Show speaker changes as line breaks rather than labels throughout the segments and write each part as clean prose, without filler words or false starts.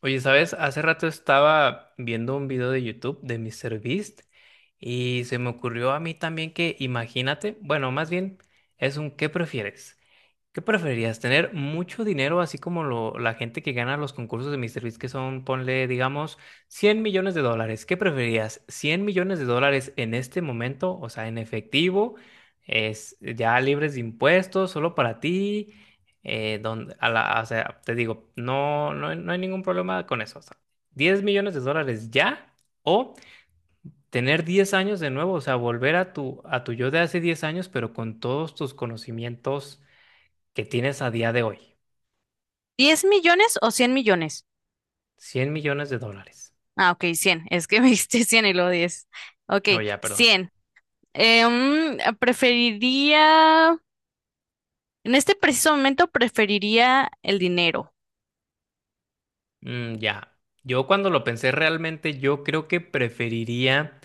Oye, ¿sabes? Hace rato estaba viendo un video de YouTube de míster Beast y se me ocurrió a mí también que, imagínate, bueno, más bien es un ¿qué prefieres? ¿Qué preferirías? ¿Tener mucho dinero, así como la gente que gana los concursos de MrBeast, que son, ponle, digamos, $100 millones? ¿Qué preferirías? ¿$100 millones en este momento, o sea, en efectivo, es ya libres de impuestos, solo para ti? ¿Donde, o sea, te digo, no, no, no hay ningún problema con eso? O sea, 10 millones de dólares ya, o tener 10 años de nuevo, o sea, volver a tu yo de hace 10 años, pero con todos tus conocimientos que tienes a día de hoy.
¿Diez millones o 100 millones?
$100 millones.
Ah, ok, 100. Es que me diste 100 y luego 10. Ok,
No, ya, perdón.
100. Preferiría, en este preciso momento preferiría el dinero.
Mm, ya. Yo cuando lo pensé realmente, yo creo que preferiría,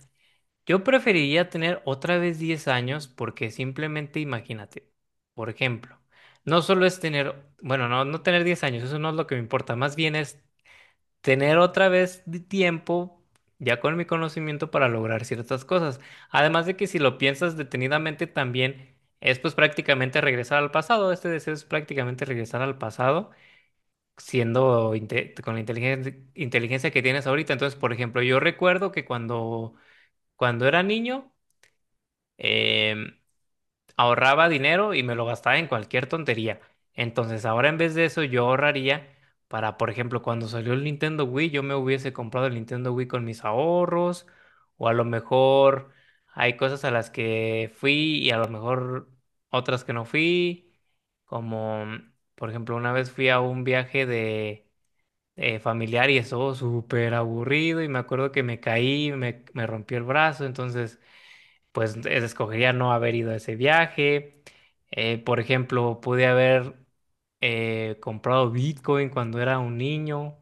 yo preferiría tener otra vez 10 años porque simplemente imagínate, por ejemplo, no solo es tener, bueno, no, no tener 10 años, eso no es lo que me importa, más bien es tener otra vez de tiempo, ya con mi conocimiento, para lograr ciertas cosas. Además de que si lo piensas detenidamente también es pues prácticamente regresar al pasado, este deseo es prácticamente regresar al pasado, siendo con la inteligencia, que tienes ahorita. Entonces, por ejemplo, yo recuerdo que cuando era niño, em, ahorraba dinero y me lo gastaba en cualquier tontería. Entonces, ahora en vez de eso, yo ahorraría para, por ejemplo, cuando salió el Nintendo Wii, yo me hubiese comprado el Nintendo Wii con mis ahorros, o a lo mejor hay cosas a las que fui y a lo mejor otras que no fui, como, mm, por ejemplo, una vez fui a un viaje de familiar y estuvo súper aburrido y me acuerdo que me caí, me rompí el brazo, entonces pues escogería no haber ido a ese viaje. Por ejemplo, pude haber comprado Bitcoin cuando era un niño.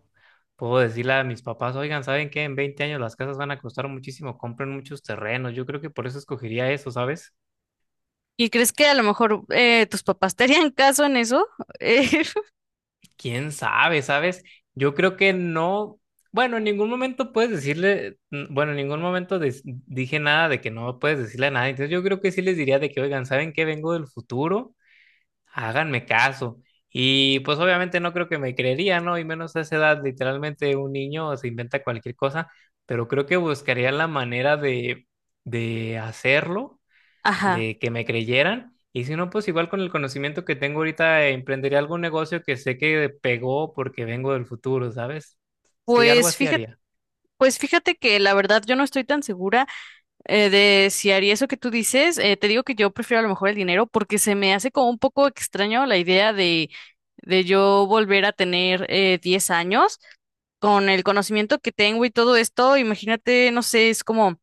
Puedo decirle a mis papás, oigan, ¿saben qué? En 20 años las casas van a costar muchísimo, compren muchos terrenos. Yo creo que por eso escogería eso, ¿sabes?
¿Y crees que a lo mejor tus papás te harían caso en eso? Eh,
¿Quién sabe, sabes? Yo creo que no, bueno, en ningún momento puedes decirle, bueno, en ningún momento dije nada de que no puedes decirle a nadie. Entonces yo creo que sí les diría de que, oigan, ¿saben qué? Vengo del futuro. Háganme caso. Y pues obviamente no creo que me creería, ¿no? Y menos a esa edad, literalmente un niño se inventa cualquier cosa, pero creo que buscaría la manera de hacerlo,
ajá.
de que me creyeran. Y si no, pues igual con el conocimiento que tengo ahorita, emprendería algún negocio que sé que pegó porque vengo del futuro, ¿sabes? Sí, algo
Pues
así
fíjate,
haría.
pues fíjate que la verdad yo no estoy tan segura. De si haría eso que tú dices, te digo que yo prefiero a lo mejor el dinero porque se me hace como un poco extraño la idea de yo volver a tener 10 años con el conocimiento que tengo y todo esto. Imagínate, no sé, es como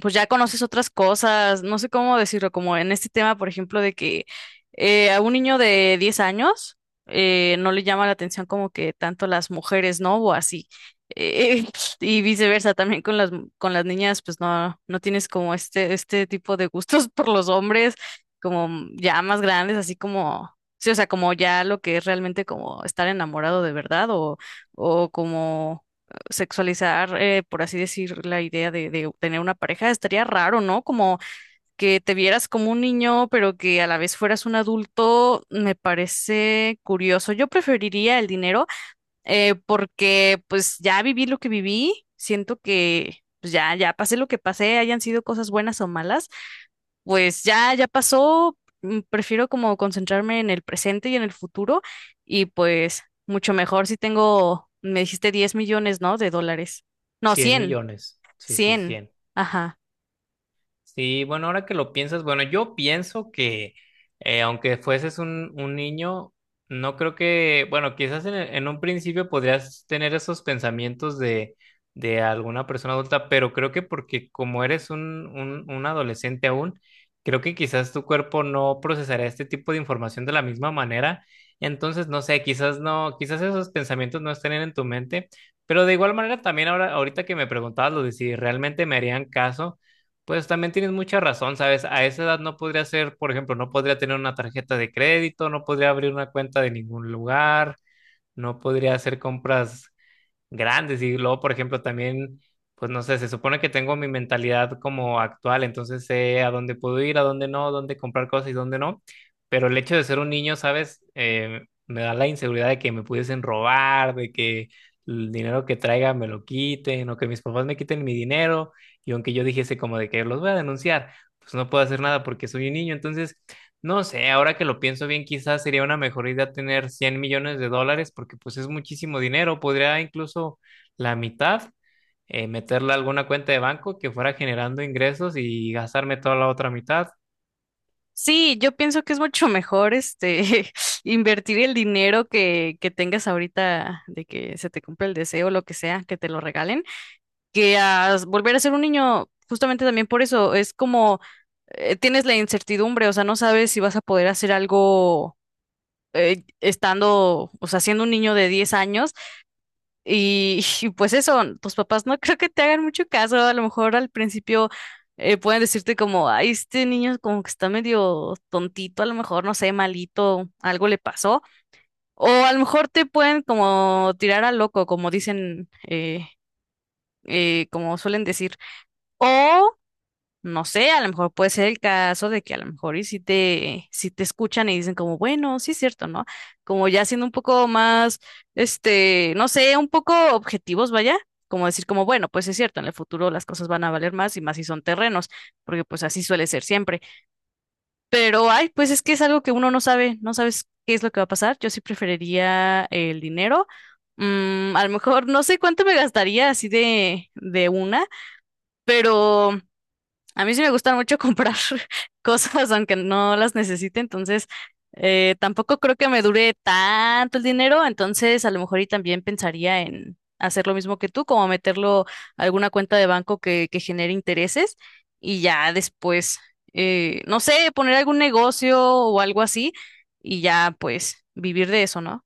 pues ya conoces otras cosas, no sé cómo decirlo, como en este tema, por ejemplo, de que a un niño de 10 años no le llama la atención como que tanto las mujeres, ¿no? O así. Eh, y viceversa, también con con las niñas, pues no, no tienes como este tipo de gustos por los hombres, como ya más grandes, así como, sí, o sea, como ya lo que es realmente como estar enamorado de verdad o como sexualizar, por así decir, la idea de tener una pareja, estaría raro, ¿no? Como que te vieras como un niño, pero que a la vez fueras un adulto, me parece curioso. Yo preferiría el dinero porque pues ya viví lo que viví, siento que pues ya, ya pasé lo que pasé, hayan sido cosas buenas o malas, pues ya, ya pasó, prefiero como concentrarme en el presente y en el futuro y pues mucho mejor si tengo, me dijiste 10 millones, ¿no? De dólares. No,
cien
cien.
millones. Sí, sí,
Cien.
100.
Ajá.
Sí, bueno, ahora que lo piensas, bueno, yo pienso que aunque fueses un niño, no creo que, bueno, quizás en un principio podrías tener esos pensamientos de alguna persona adulta, pero creo que porque como eres un adolescente aún, creo que quizás tu cuerpo no procesará este tipo de información de la misma manera. Entonces, no sé, quizás no, quizás esos pensamientos no estén en tu mente, pero de igual manera también ahora, ahorita que me preguntabas lo de si realmente me harían caso. Pues también tienes mucha razón, ¿sabes? A esa edad no podría ser, por ejemplo, no podría tener una tarjeta de crédito, no podría abrir una cuenta de ningún lugar, no podría hacer compras grandes. Y luego, por ejemplo, también, pues no sé, se supone que tengo mi mentalidad como actual, entonces sé a dónde puedo ir, a dónde no, dónde comprar cosas y dónde no. Pero el hecho de ser un niño, ¿sabes? Me da la inseguridad de que me pudiesen robar, de que el dinero que traiga me lo quiten, o que mis papás me quiten mi dinero. Y aunque yo dijese como de que los voy a denunciar, pues no puedo hacer nada porque soy un niño. Entonces, no sé, ahora que lo pienso bien, quizás sería una mejor idea tener $100 millones porque pues es muchísimo dinero. Podría incluso la mitad meterla a alguna cuenta de banco que fuera generando ingresos y gastarme toda la otra mitad.
Sí, yo pienso que es mucho mejor este invertir el dinero que tengas ahorita de que se te cumpla el deseo, lo que sea, que te lo regalen, que a volver a ser un niño, justamente también por eso, es como tienes la incertidumbre, o sea, no sabes si vas a poder hacer algo estando, o sea, siendo un niño de 10 años y, y pues eso, tus papás no creo que te hagan mucho caso, a lo mejor al principio pueden decirte como, ay, este niño como que está medio tontito, a lo mejor, no sé, malito, algo le pasó, o a lo mejor te pueden como tirar a loco, como dicen, como suelen decir, o no sé, a lo mejor puede ser el caso de que a lo mejor y si te, si te escuchan y dicen como, bueno, sí es cierto, ¿no? Como ya siendo un poco más, este, no sé, un poco objetivos, vaya, como decir como, bueno, pues es cierto, en el futuro las cosas van a valer más y más si son terrenos, porque pues así suele ser siempre. Pero, ay, pues es que es algo que uno no sabe, no sabes qué es lo que va a pasar. Yo sí preferiría el dinero. Mm, a lo mejor no sé cuánto me gastaría así de una, pero... A mí sí me gusta mucho comprar cosas aunque no las necesite, entonces tampoco creo que me dure tanto el dinero, entonces a lo mejor y también pensaría en hacer lo mismo que tú, como meterlo a alguna cuenta de banco que genere intereses y ya después, no sé, poner algún negocio o algo así y ya pues vivir de eso, ¿no?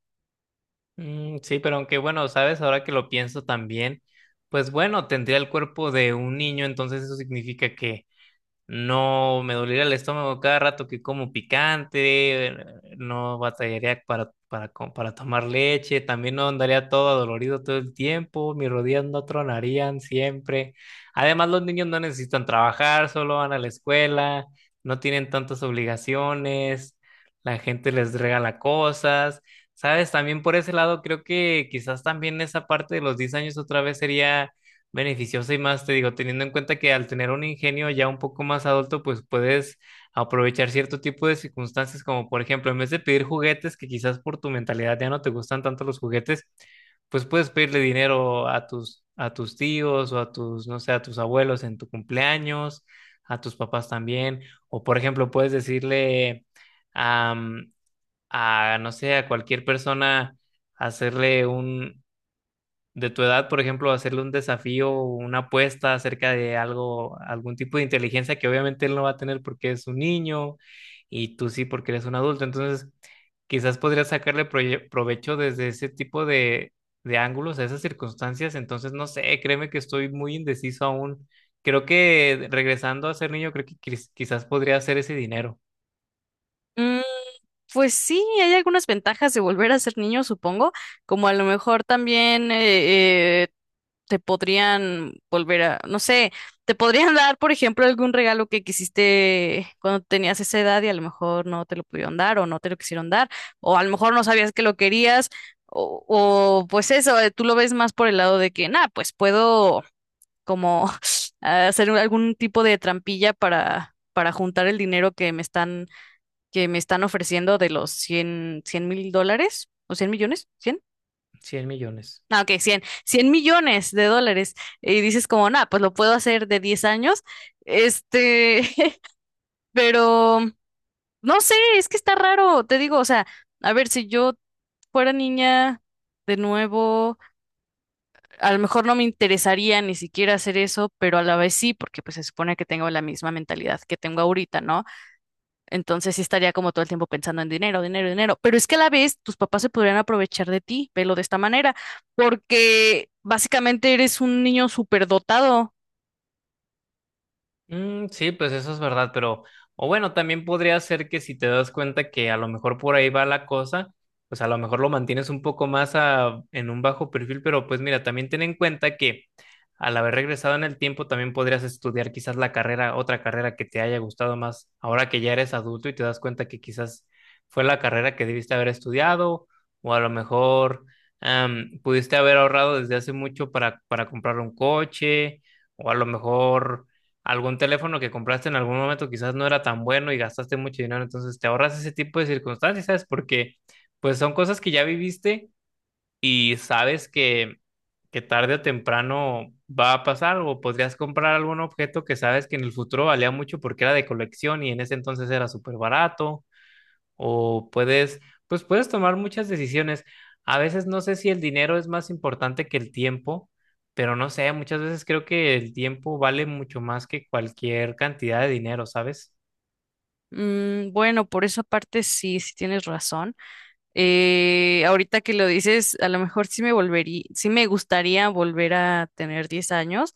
Mm, sí, pero aunque bueno, sabes, ahora que lo pienso también, pues bueno, tendría el cuerpo de un niño, entonces eso significa que no me dolería el estómago cada rato que como picante, no batallaría para tomar leche, también no andaría todo adolorido todo el tiempo, mis rodillas no tronarían siempre. Además, los niños no necesitan trabajar, solo van a la escuela, no tienen tantas obligaciones, la gente les regala cosas, ¿sabes? También por ese lado creo que quizás también esa parte de los 10 años otra vez sería beneficiosa y más, te digo, teniendo en cuenta que al tener un ingenio ya un poco más adulto, pues puedes aprovechar cierto tipo de circunstancias, como por ejemplo, en vez de pedir juguetes, que quizás por tu mentalidad ya no te gustan tanto los juguetes, pues puedes pedirle dinero a tus tíos o a tus, no sé, a tus abuelos en tu cumpleaños, a tus papás también, o por ejemplo, puedes decirle am, a, no sé, a cualquier persona, hacerle un, de tu edad, por ejemplo, hacerle un desafío, o una apuesta acerca de algo, algún tipo de inteligencia que obviamente él no va a tener porque es un niño y tú sí porque eres un adulto. Entonces, quizás podrías sacarle provecho desde ese tipo de ángulos a esas circunstancias. Entonces, no sé, créeme que estoy muy indeciso aún. Creo que regresando a ser niño, creo que quizás podría hacer ese dinero,
Mm. Pues sí, hay algunas ventajas de volver a ser niño, supongo, como a lo mejor también te podrían volver a, no sé, te podrían dar, por ejemplo, algún regalo que quisiste cuando tenías esa edad y a lo mejor no te lo pudieron dar o no te lo quisieron dar, o a lo mejor no sabías que lo querías, o, pues eso, tú lo ves más por el lado de que, nada, pues puedo como algún tipo de trampilla para juntar el dinero que me están ofreciendo de los cien mil dólares o 100 millones, cien.
100 millones.
No, ok, cien millones de dólares. Y dices como, nada, pues lo puedo hacer de 10 años. Este, pero no sé, es que está raro, te digo, o sea, a ver, si yo fuera niña de nuevo, a lo mejor no me interesaría ni siquiera hacer eso, pero a la vez sí, porque pues se supone que tengo la misma mentalidad que tengo ahorita, ¿no? Entonces sí estaría como todo el tiempo pensando en dinero, dinero, dinero. Pero es que a la vez tus papás se podrían aprovechar de ti, velo de esta manera, porque básicamente eres un niño superdotado.
Mm, sí, pues eso es verdad, pero, o bueno, también podría ser que si te das cuenta que a lo mejor por ahí va la cosa, pues a lo mejor lo mantienes un poco más en un bajo perfil, pero pues mira, también ten en cuenta que al haber regresado en el tiempo también podrías estudiar quizás la carrera, otra carrera que te haya gustado más, ahora que ya eres adulto y te das cuenta que quizás fue la carrera que debiste haber estudiado, o a lo mejor pudiste haber ahorrado desde hace mucho para comprar un coche, o a lo mejor algún teléfono que compraste en algún momento quizás no era tan bueno y gastaste mucho dinero, entonces te ahorras ese tipo de circunstancias, ¿sabes? Porque pues son cosas que ya viviste y sabes que tarde o temprano va a pasar o podrías comprar algún objeto que sabes que en el futuro valía mucho porque era de colección y en ese entonces era súper barato o puedes, pues puedes tomar muchas decisiones. A veces no sé si el dinero es más importante que el tiempo, pero no sé, muchas veces creo que el tiempo vale mucho más que cualquier cantidad de dinero, ¿sabes?
Mm, bueno, por esa parte sí, sí tienes razón. Ahorita que lo dices, a lo mejor sí me volvería, sí me gustaría volver a tener 10 años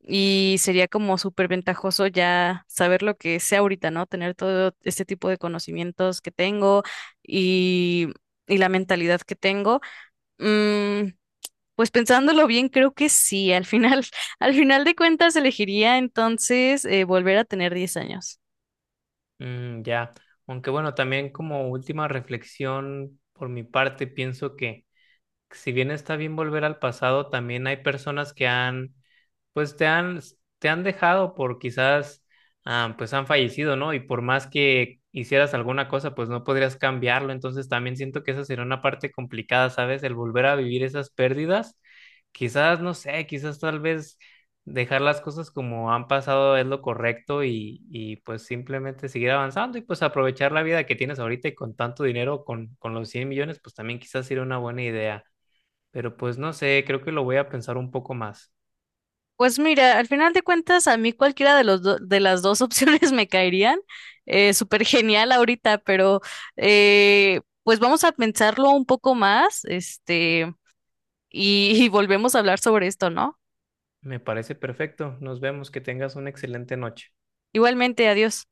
y sería como súper ventajoso ya saber lo que sé ahorita, ¿no? Tener todo este tipo de conocimientos que tengo y y la mentalidad que tengo. Mm, pues pensándolo bien, creo que sí. Al final, al final de cuentas, elegiría entonces volver a tener 10 años.
Mm, ya. Aunque bueno, también como última reflexión por mi parte, pienso que si bien está bien volver al pasado, también hay personas que han pues te han dejado por quizás, pues han fallecido, ¿no? Y por más que hicieras alguna cosa, pues no podrías cambiarlo. Entonces también siento que esa sería una parte complicada, ¿sabes? El volver a vivir esas pérdidas. Quizás, no sé, quizás tal vez dejar las cosas como han pasado es lo correcto y pues simplemente seguir avanzando y pues aprovechar la vida que tienes ahorita y con tanto dinero, con los 100 millones, pues también quizás sería una buena idea. Pero pues no sé, creo que lo voy a pensar un poco más.
Pues mira, al final de cuentas, a mí cualquiera de los de las dos opciones me caerían. Súper genial ahorita, pero pues vamos a pensarlo un poco más, este, y y volvemos a hablar sobre esto, ¿no?
Me parece perfecto. Nos vemos. Que tengas una excelente noche.
Igualmente, adiós.